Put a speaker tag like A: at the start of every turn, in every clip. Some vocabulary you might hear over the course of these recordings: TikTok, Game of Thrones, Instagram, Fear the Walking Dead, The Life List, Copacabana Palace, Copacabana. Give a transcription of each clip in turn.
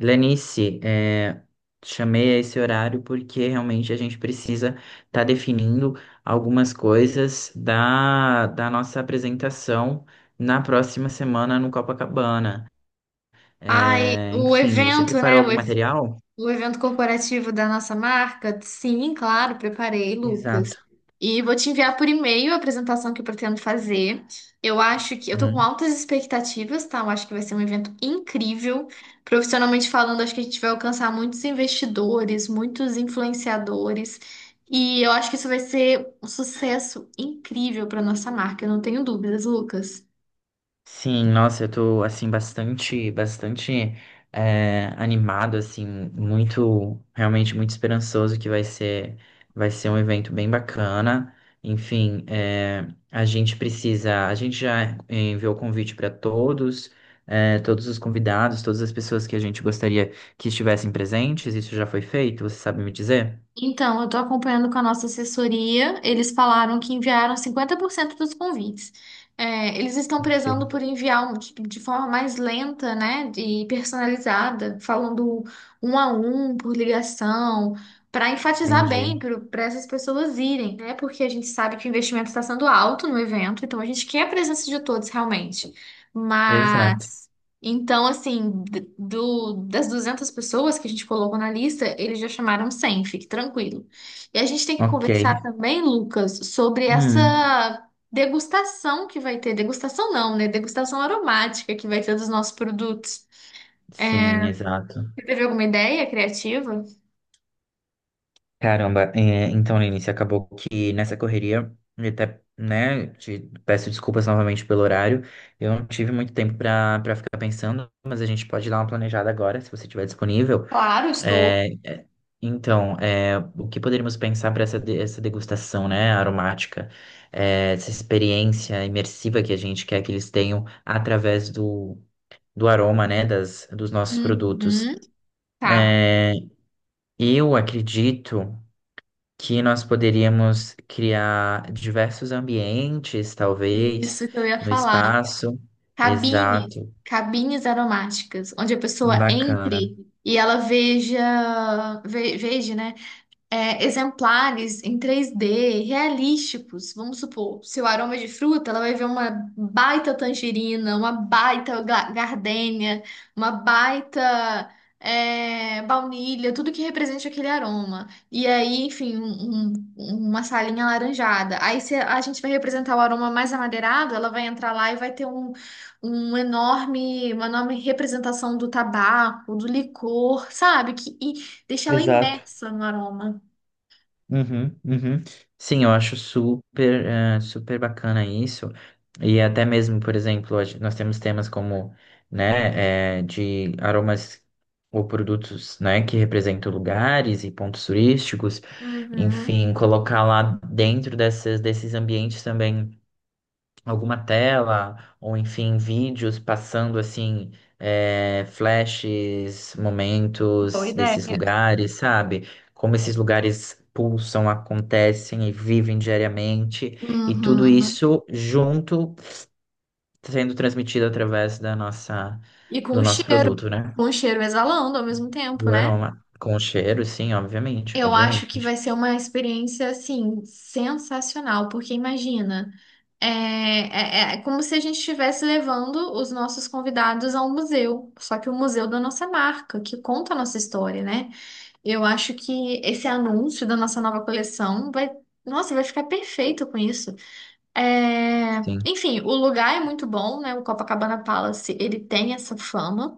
A: Lenice, chamei a esse horário porque realmente a gente precisa estar definindo algumas coisas da nossa apresentação na próxima semana no Copacabana.
B: Ai,
A: É,
B: o
A: enfim, você
B: evento,
A: preparou
B: né? O,
A: algum
B: ev-
A: material?
B: o evento corporativo da nossa marca? Sim, claro, preparei, Lucas.
A: Exato.
B: E vou te enviar por e-mail a apresentação que eu pretendo fazer. Eu acho que eu tô com altas expectativas, tá? Eu acho que vai ser um evento incrível. Profissionalmente falando, acho que a gente vai alcançar muitos investidores, muitos influenciadores. E eu acho que isso vai ser um sucesso incrível para nossa marca, eu não tenho dúvidas, Lucas.
A: Sim, nossa, eu tô assim bastante animado, assim, muito, realmente muito esperançoso que vai ser um evento bem bacana. Enfim, a gente precisa, a gente já enviou o convite para todos, todos os convidados, todas as pessoas que a gente gostaria que estivessem presentes. Isso já foi feito, você sabe me dizer?
B: Então, eu estou acompanhando com a nossa assessoria. Eles falaram que enviaram 50% dos convites. É, eles estão
A: Ok.
B: prezando por enviar de forma mais lenta, né, e personalizada, falando um a um, por ligação, para enfatizar
A: Entendi.
B: bem para essas pessoas irem, né? Porque a gente sabe que o investimento está sendo alto no evento, então a gente quer a presença de todos realmente.
A: Exato.
B: Mas então, assim, das 200 pessoas que a gente colocou na lista, eles já chamaram 100. Fique tranquilo. E a gente tem que
A: Ok.
B: conversar também, Lucas, sobre
A: Hum,
B: essa degustação que vai ter. Degustação não, né? Degustação aromática que vai ter dos nossos produtos.
A: sim, exato.
B: Você teve alguma ideia criativa?
A: Caramba, então, Lenice, acabou que nessa correria, e até, né, te peço desculpas novamente pelo horário, eu não tive muito tempo para ficar pensando, mas a gente pode dar uma planejada agora, se você estiver disponível.
B: Claro, estou.
A: É, é, então, o que poderíamos pensar para essa degustação, né, aromática. É, essa experiência imersiva que a gente quer que eles tenham através do aroma, né, dos nossos produtos.
B: Uhum, tá.
A: É, eu acredito que nós poderíamos criar diversos ambientes, talvez,
B: Isso que eu ia
A: no
B: falar.
A: espaço.
B: Cabines,
A: Exato,
B: cabines aromáticas, onde a pessoa
A: bacana.
B: entre e ela veja, né? Exemplares em 3D, realísticos. Vamos supor, se o aroma é de fruta, ela vai ver uma baita tangerina, uma baita gardênia, uma baita baunilha, tudo que represente aquele aroma. E aí, enfim, uma salinha alaranjada. Aí, se a gente vai representar o aroma mais amadeirado, ela vai entrar lá e vai ter um enorme, uma enorme representação do tabaco, do licor, sabe? Que, e deixa ela
A: Exato.
B: imersa no aroma.
A: Uhum, uhum. Sim, eu acho super, super bacana isso. E até mesmo, por exemplo, nós temos temas como, né, de aromas ou produtos, né, que representam lugares e pontos turísticos.
B: Uhum.
A: Enfim, colocar lá dentro desses ambientes também alguma tela, ou enfim, vídeos passando assim, é, flashes,
B: Boa
A: momentos desses
B: ideia.
A: lugares, sabe? Como esses lugares pulsam, acontecem e vivem diariamente, e tudo
B: Uhum.
A: isso junto sendo transmitido através da nossa,
B: E
A: do nosso produto, né?
B: com o cheiro exalando ao mesmo tempo,
A: Do
B: né?
A: aroma. Com o cheiro, sim, obviamente,
B: Eu acho que vai
A: obviamente.
B: ser uma experiência, assim, sensacional, porque imagina, é como se a gente estivesse levando os nossos convidados a um museu, só que o museu da nossa marca, que conta a nossa história, né? Eu acho que esse anúncio da nossa nova coleção vai, nossa, vai ficar perfeito com isso. É,
A: Sim,
B: enfim, o lugar é muito bom, né? O Copacabana Palace, ele tem essa fama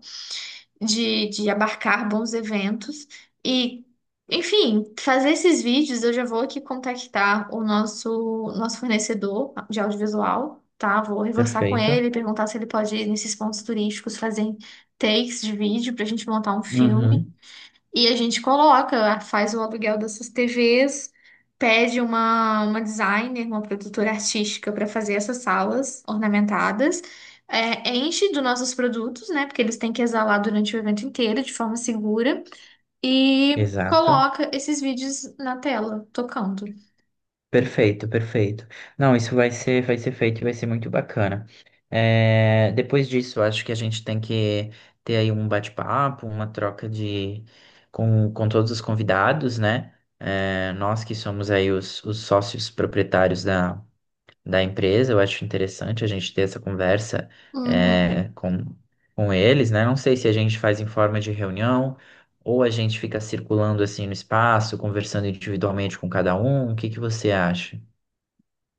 B: de abarcar bons eventos e, enfim, fazer esses vídeos, eu já vou aqui contactar o nosso fornecedor de audiovisual, tá? Vou reforçar com
A: perfeito.
B: ele, perguntar se ele pode ir nesses pontos turísticos, fazer takes de vídeo pra gente montar um filme.
A: Uhum,
B: E a gente coloca, faz o aluguel dessas TVs, pede uma designer, uma produtora artística para fazer essas salas ornamentadas, enche dos nossos produtos, né? Porque eles têm que exalar durante o evento inteiro de forma segura, e
A: exato.
B: coloca esses vídeos na tela, tocando.
A: Perfeito, perfeito. Não, isso vai ser feito e vai ser muito bacana. É, depois disso, acho que a gente tem que ter aí um bate-papo, uma troca de com todos os convidados, né? É, nós que somos aí os sócios proprietários da empresa. Eu acho interessante a gente ter essa conversa
B: Uhum.
A: é, com, com eles, né? Não sei se a gente faz em forma de reunião ou a gente fica circulando assim no espaço, conversando individualmente com cada um. O que você acha?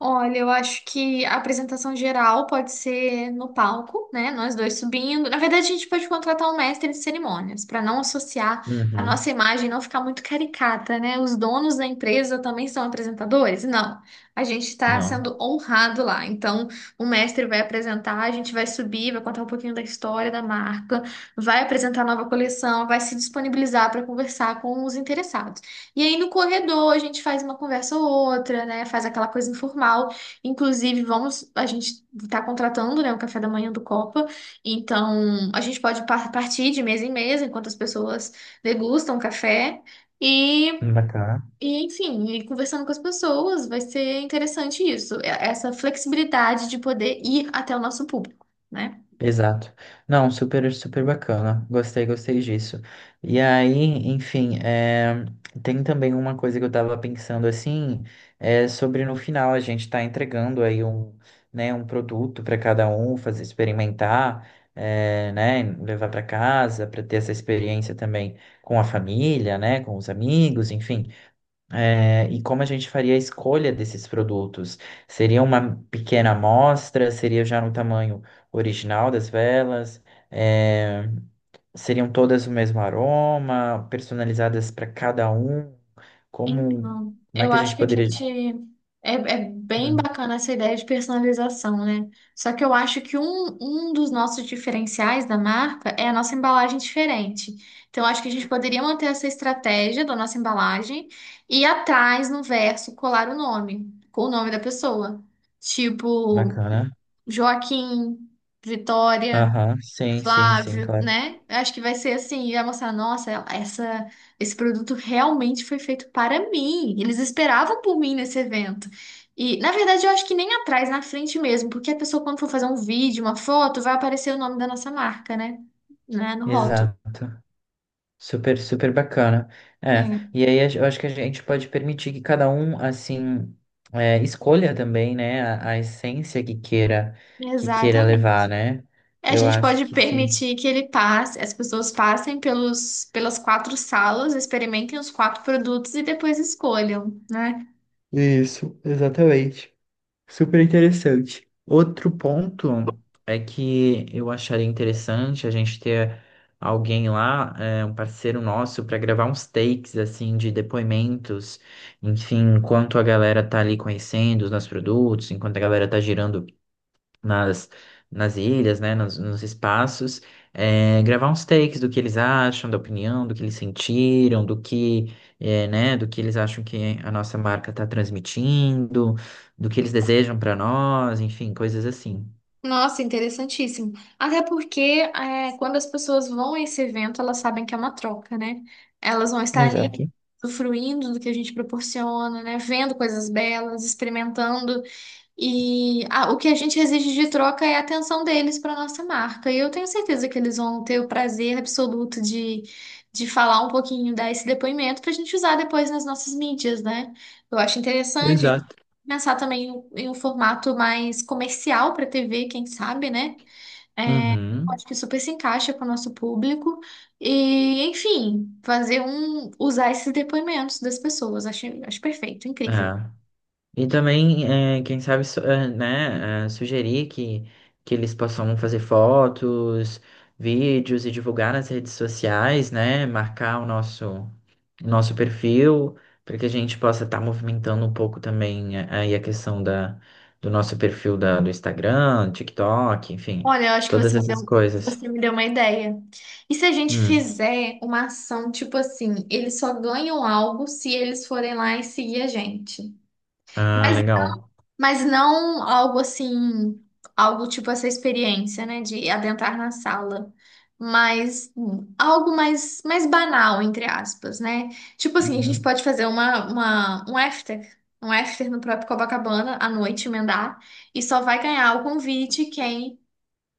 B: Olha, eu acho que a apresentação geral pode ser no palco, né? Nós dois subindo. Na verdade, a gente pode contratar um mestre de cerimônias para não associar a
A: Uhum.
B: nossa imagem, não ficar muito caricata, né? Os donos da empresa também são apresentadores? Não. A gente está
A: Não.
B: sendo honrado lá. Então, o mestre vai apresentar, a gente vai subir, vai contar um pouquinho da história da marca, vai apresentar a nova coleção, vai se disponibilizar para conversar com os interessados. E aí no corredor a gente faz uma conversa ou outra, né? Faz aquela coisa informal. Inclusive, vamos, a gente tá contratando, né, o café da manhã do Copa. Então, a gente pode partir de mesa em mesa enquanto as pessoas degustam o café e
A: Bacana.
B: E, enfim, e conversando com as pessoas, vai ser interessante isso, essa flexibilidade de poder ir até o nosso público, né?
A: Exato. Não, super, super bacana. Gostei, gostei disso. E aí, tem também uma coisa que eu tava pensando assim, é sobre no final a gente tá entregando aí um produto para cada um fazer experimentar, levar para casa, para ter essa experiência também com a família, né, com os amigos, enfim. É, e como a gente faria a escolha desses produtos? Seria uma pequena amostra? Seria já no tamanho original das velas? É, seriam todas o mesmo aroma? Personalizadas para cada um? Como,
B: Então,
A: como é
B: eu
A: que a
B: acho
A: gente
B: que a
A: poderia.
B: gente. É, é bem
A: Hum,
B: bacana essa ideia de personalização, né? Só que eu acho que um dos nossos diferenciais da marca é a nossa embalagem diferente. Então, eu acho que a gente poderia manter essa estratégia da nossa embalagem e atrás, no verso, colar o nome, com o nome da pessoa. Tipo,
A: bacana.
B: Joaquim, Vitória.
A: Aham, sim, sim, sim,
B: Flávio,
A: claro.
B: né? Eu acho que vai ser assim, vai mostrar, nossa, essa, esse produto realmente foi feito para mim. Eles esperavam por mim nesse evento. E, na verdade, eu acho que nem atrás, na frente mesmo, porque a pessoa, quando for fazer um vídeo, uma foto, vai aparecer o nome da nossa marca, né? Né? No rótulo.
A: Exato. Super, super bacana. É,
B: É,
A: e aí eu acho que a gente pode permitir que cada um, assim, escolha também, né, a essência que queira
B: exatamente.
A: levar, né?
B: A
A: Eu
B: gente
A: acho
B: pode
A: que sim.
B: permitir que ele passe, as pessoas passem pelos, pelas quatro salas, experimentem os quatro produtos e depois escolham, né?
A: Isso, exatamente. Super interessante. Outro ponto é que eu acharia interessante a gente ter alguém lá, é, um parceiro nosso, para gravar uns takes assim de depoimentos, enfim, enquanto a galera tá ali conhecendo os nossos produtos, enquanto a galera tá girando nas, nas ilhas, né, nos espaços, é, gravar uns takes do que eles acham, da opinião, do que eles sentiram, do que eles acham que a nossa marca está transmitindo, do que eles desejam para nós, enfim, coisas assim.
B: Nossa, interessantíssimo. Até porque quando as pessoas vão a esse evento, elas sabem que é uma troca, né? Elas vão estar ali
A: Exato.
B: usufruindo do que a gente proporciona, né? Vendo coisas belas, experimentando. E ah, o que a gente exige de troca é a atenção deles para nossa marca. E eu tenho certeza que eles vão ter o prazer absoluto de falar um pouquinho, dar esse depoimento para a gente usar depois nas nossas mídias, né? Eu acho interessante
A: Exato.
B: pensar também em um formato mais comercial para TV, quem sabe, né?
A: Uhum.
B: Acho que super se encaixa com o nosso público. E, enfim, fazer um, usar esses depoimentos das pessoas. Acho, acho perfeito,
A: É.
B: incrível.
A: E também, quem sabe, sugerir que eles possam fazer fotos, vídeos e divulgar nas redes sociais, né, marcar o nosso perfil, para que a gente possa estar movimentando um pouco também aí a questão do nosso perfil do Instagram, TikTok, enfim,
B: Olha, eu acho que
A: todas essas coisas.
B: você me deu uma ideia. E se a gente
A: Hum,
B: fizer uma ação tipo assim, eles só ganham algo se eles forem lá e seguir a gente.
A: ah,
B: Mas,
A: legal.
B: mas não algo assim, algo tipo essa experiência, né, de adentrar na sala. Mas algo mais, mais banal, entre aspas, né? Tipo assim, a gente
A: Uhum,
B: pode fazer um after, um after no próprio Copacabana à noite, emendar, e só vai ganhar o convite quem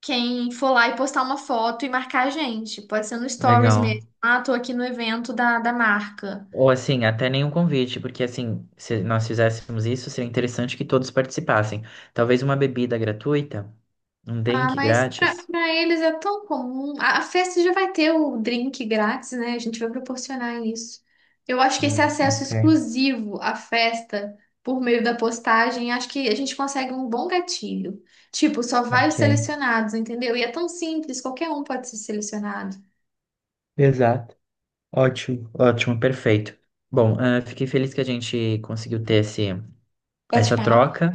B: quem for lá e postar uma foto e marcar a gente. Pode ser no Stories
A: legal.
B: mesmo. Ah, tô aqui no evento da, da marca.
A: Ou assim, até nenhum convite, porque assim, se nós fizéssemos isso, seria interessante que todos participassem. Talvez uma bebida gratuita, um
B: Ah,
A: drink
B: mas pra
A: grátis.
B: pra eles é tão comum. A festa já vai ter o drink grátis, né? A gente vai proporcionar isso. Eu acho que esse acesso
A: Ok,
B: exclusivo à festa por meio da postagem, acho que a gente consegue um bom gatilho. Tipo, só vai os
A: ok.
B: selecionados, entendeu? E é tão simples, qualquer um pode ser selecionado.
A: Exato. Ótimo, ótimo, perfeito. Bom, ah, fiquei feliz que a gente conseguiu ter essa
B: Bate-papo.
A: troca,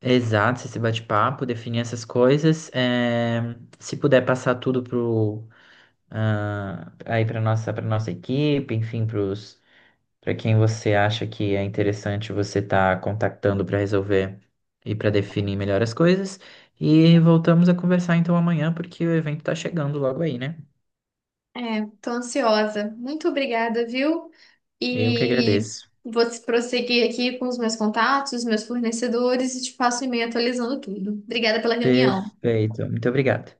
A: exato, esse bate-papo, definir essas coisas. Se puder passar tudo pro, ah, aí para nossa equipe, enfim, para para quem você acha que é interessante você estar contactando para resolver e para definir melhor as coisas. E voltamos a conversar então amanhã, porque o evento está chegando logo aí, né?
B: É, tô ansiosa. Muito obrigada, viu?
A: Eu que
B: E
A: agradeço.
B: vou prosseguir aqui com os meus contatos, meus fornecedores e te passo o e-mail atualizando tudo. Obrigada pela reunião.
A: Perfeito. Muito obrigado.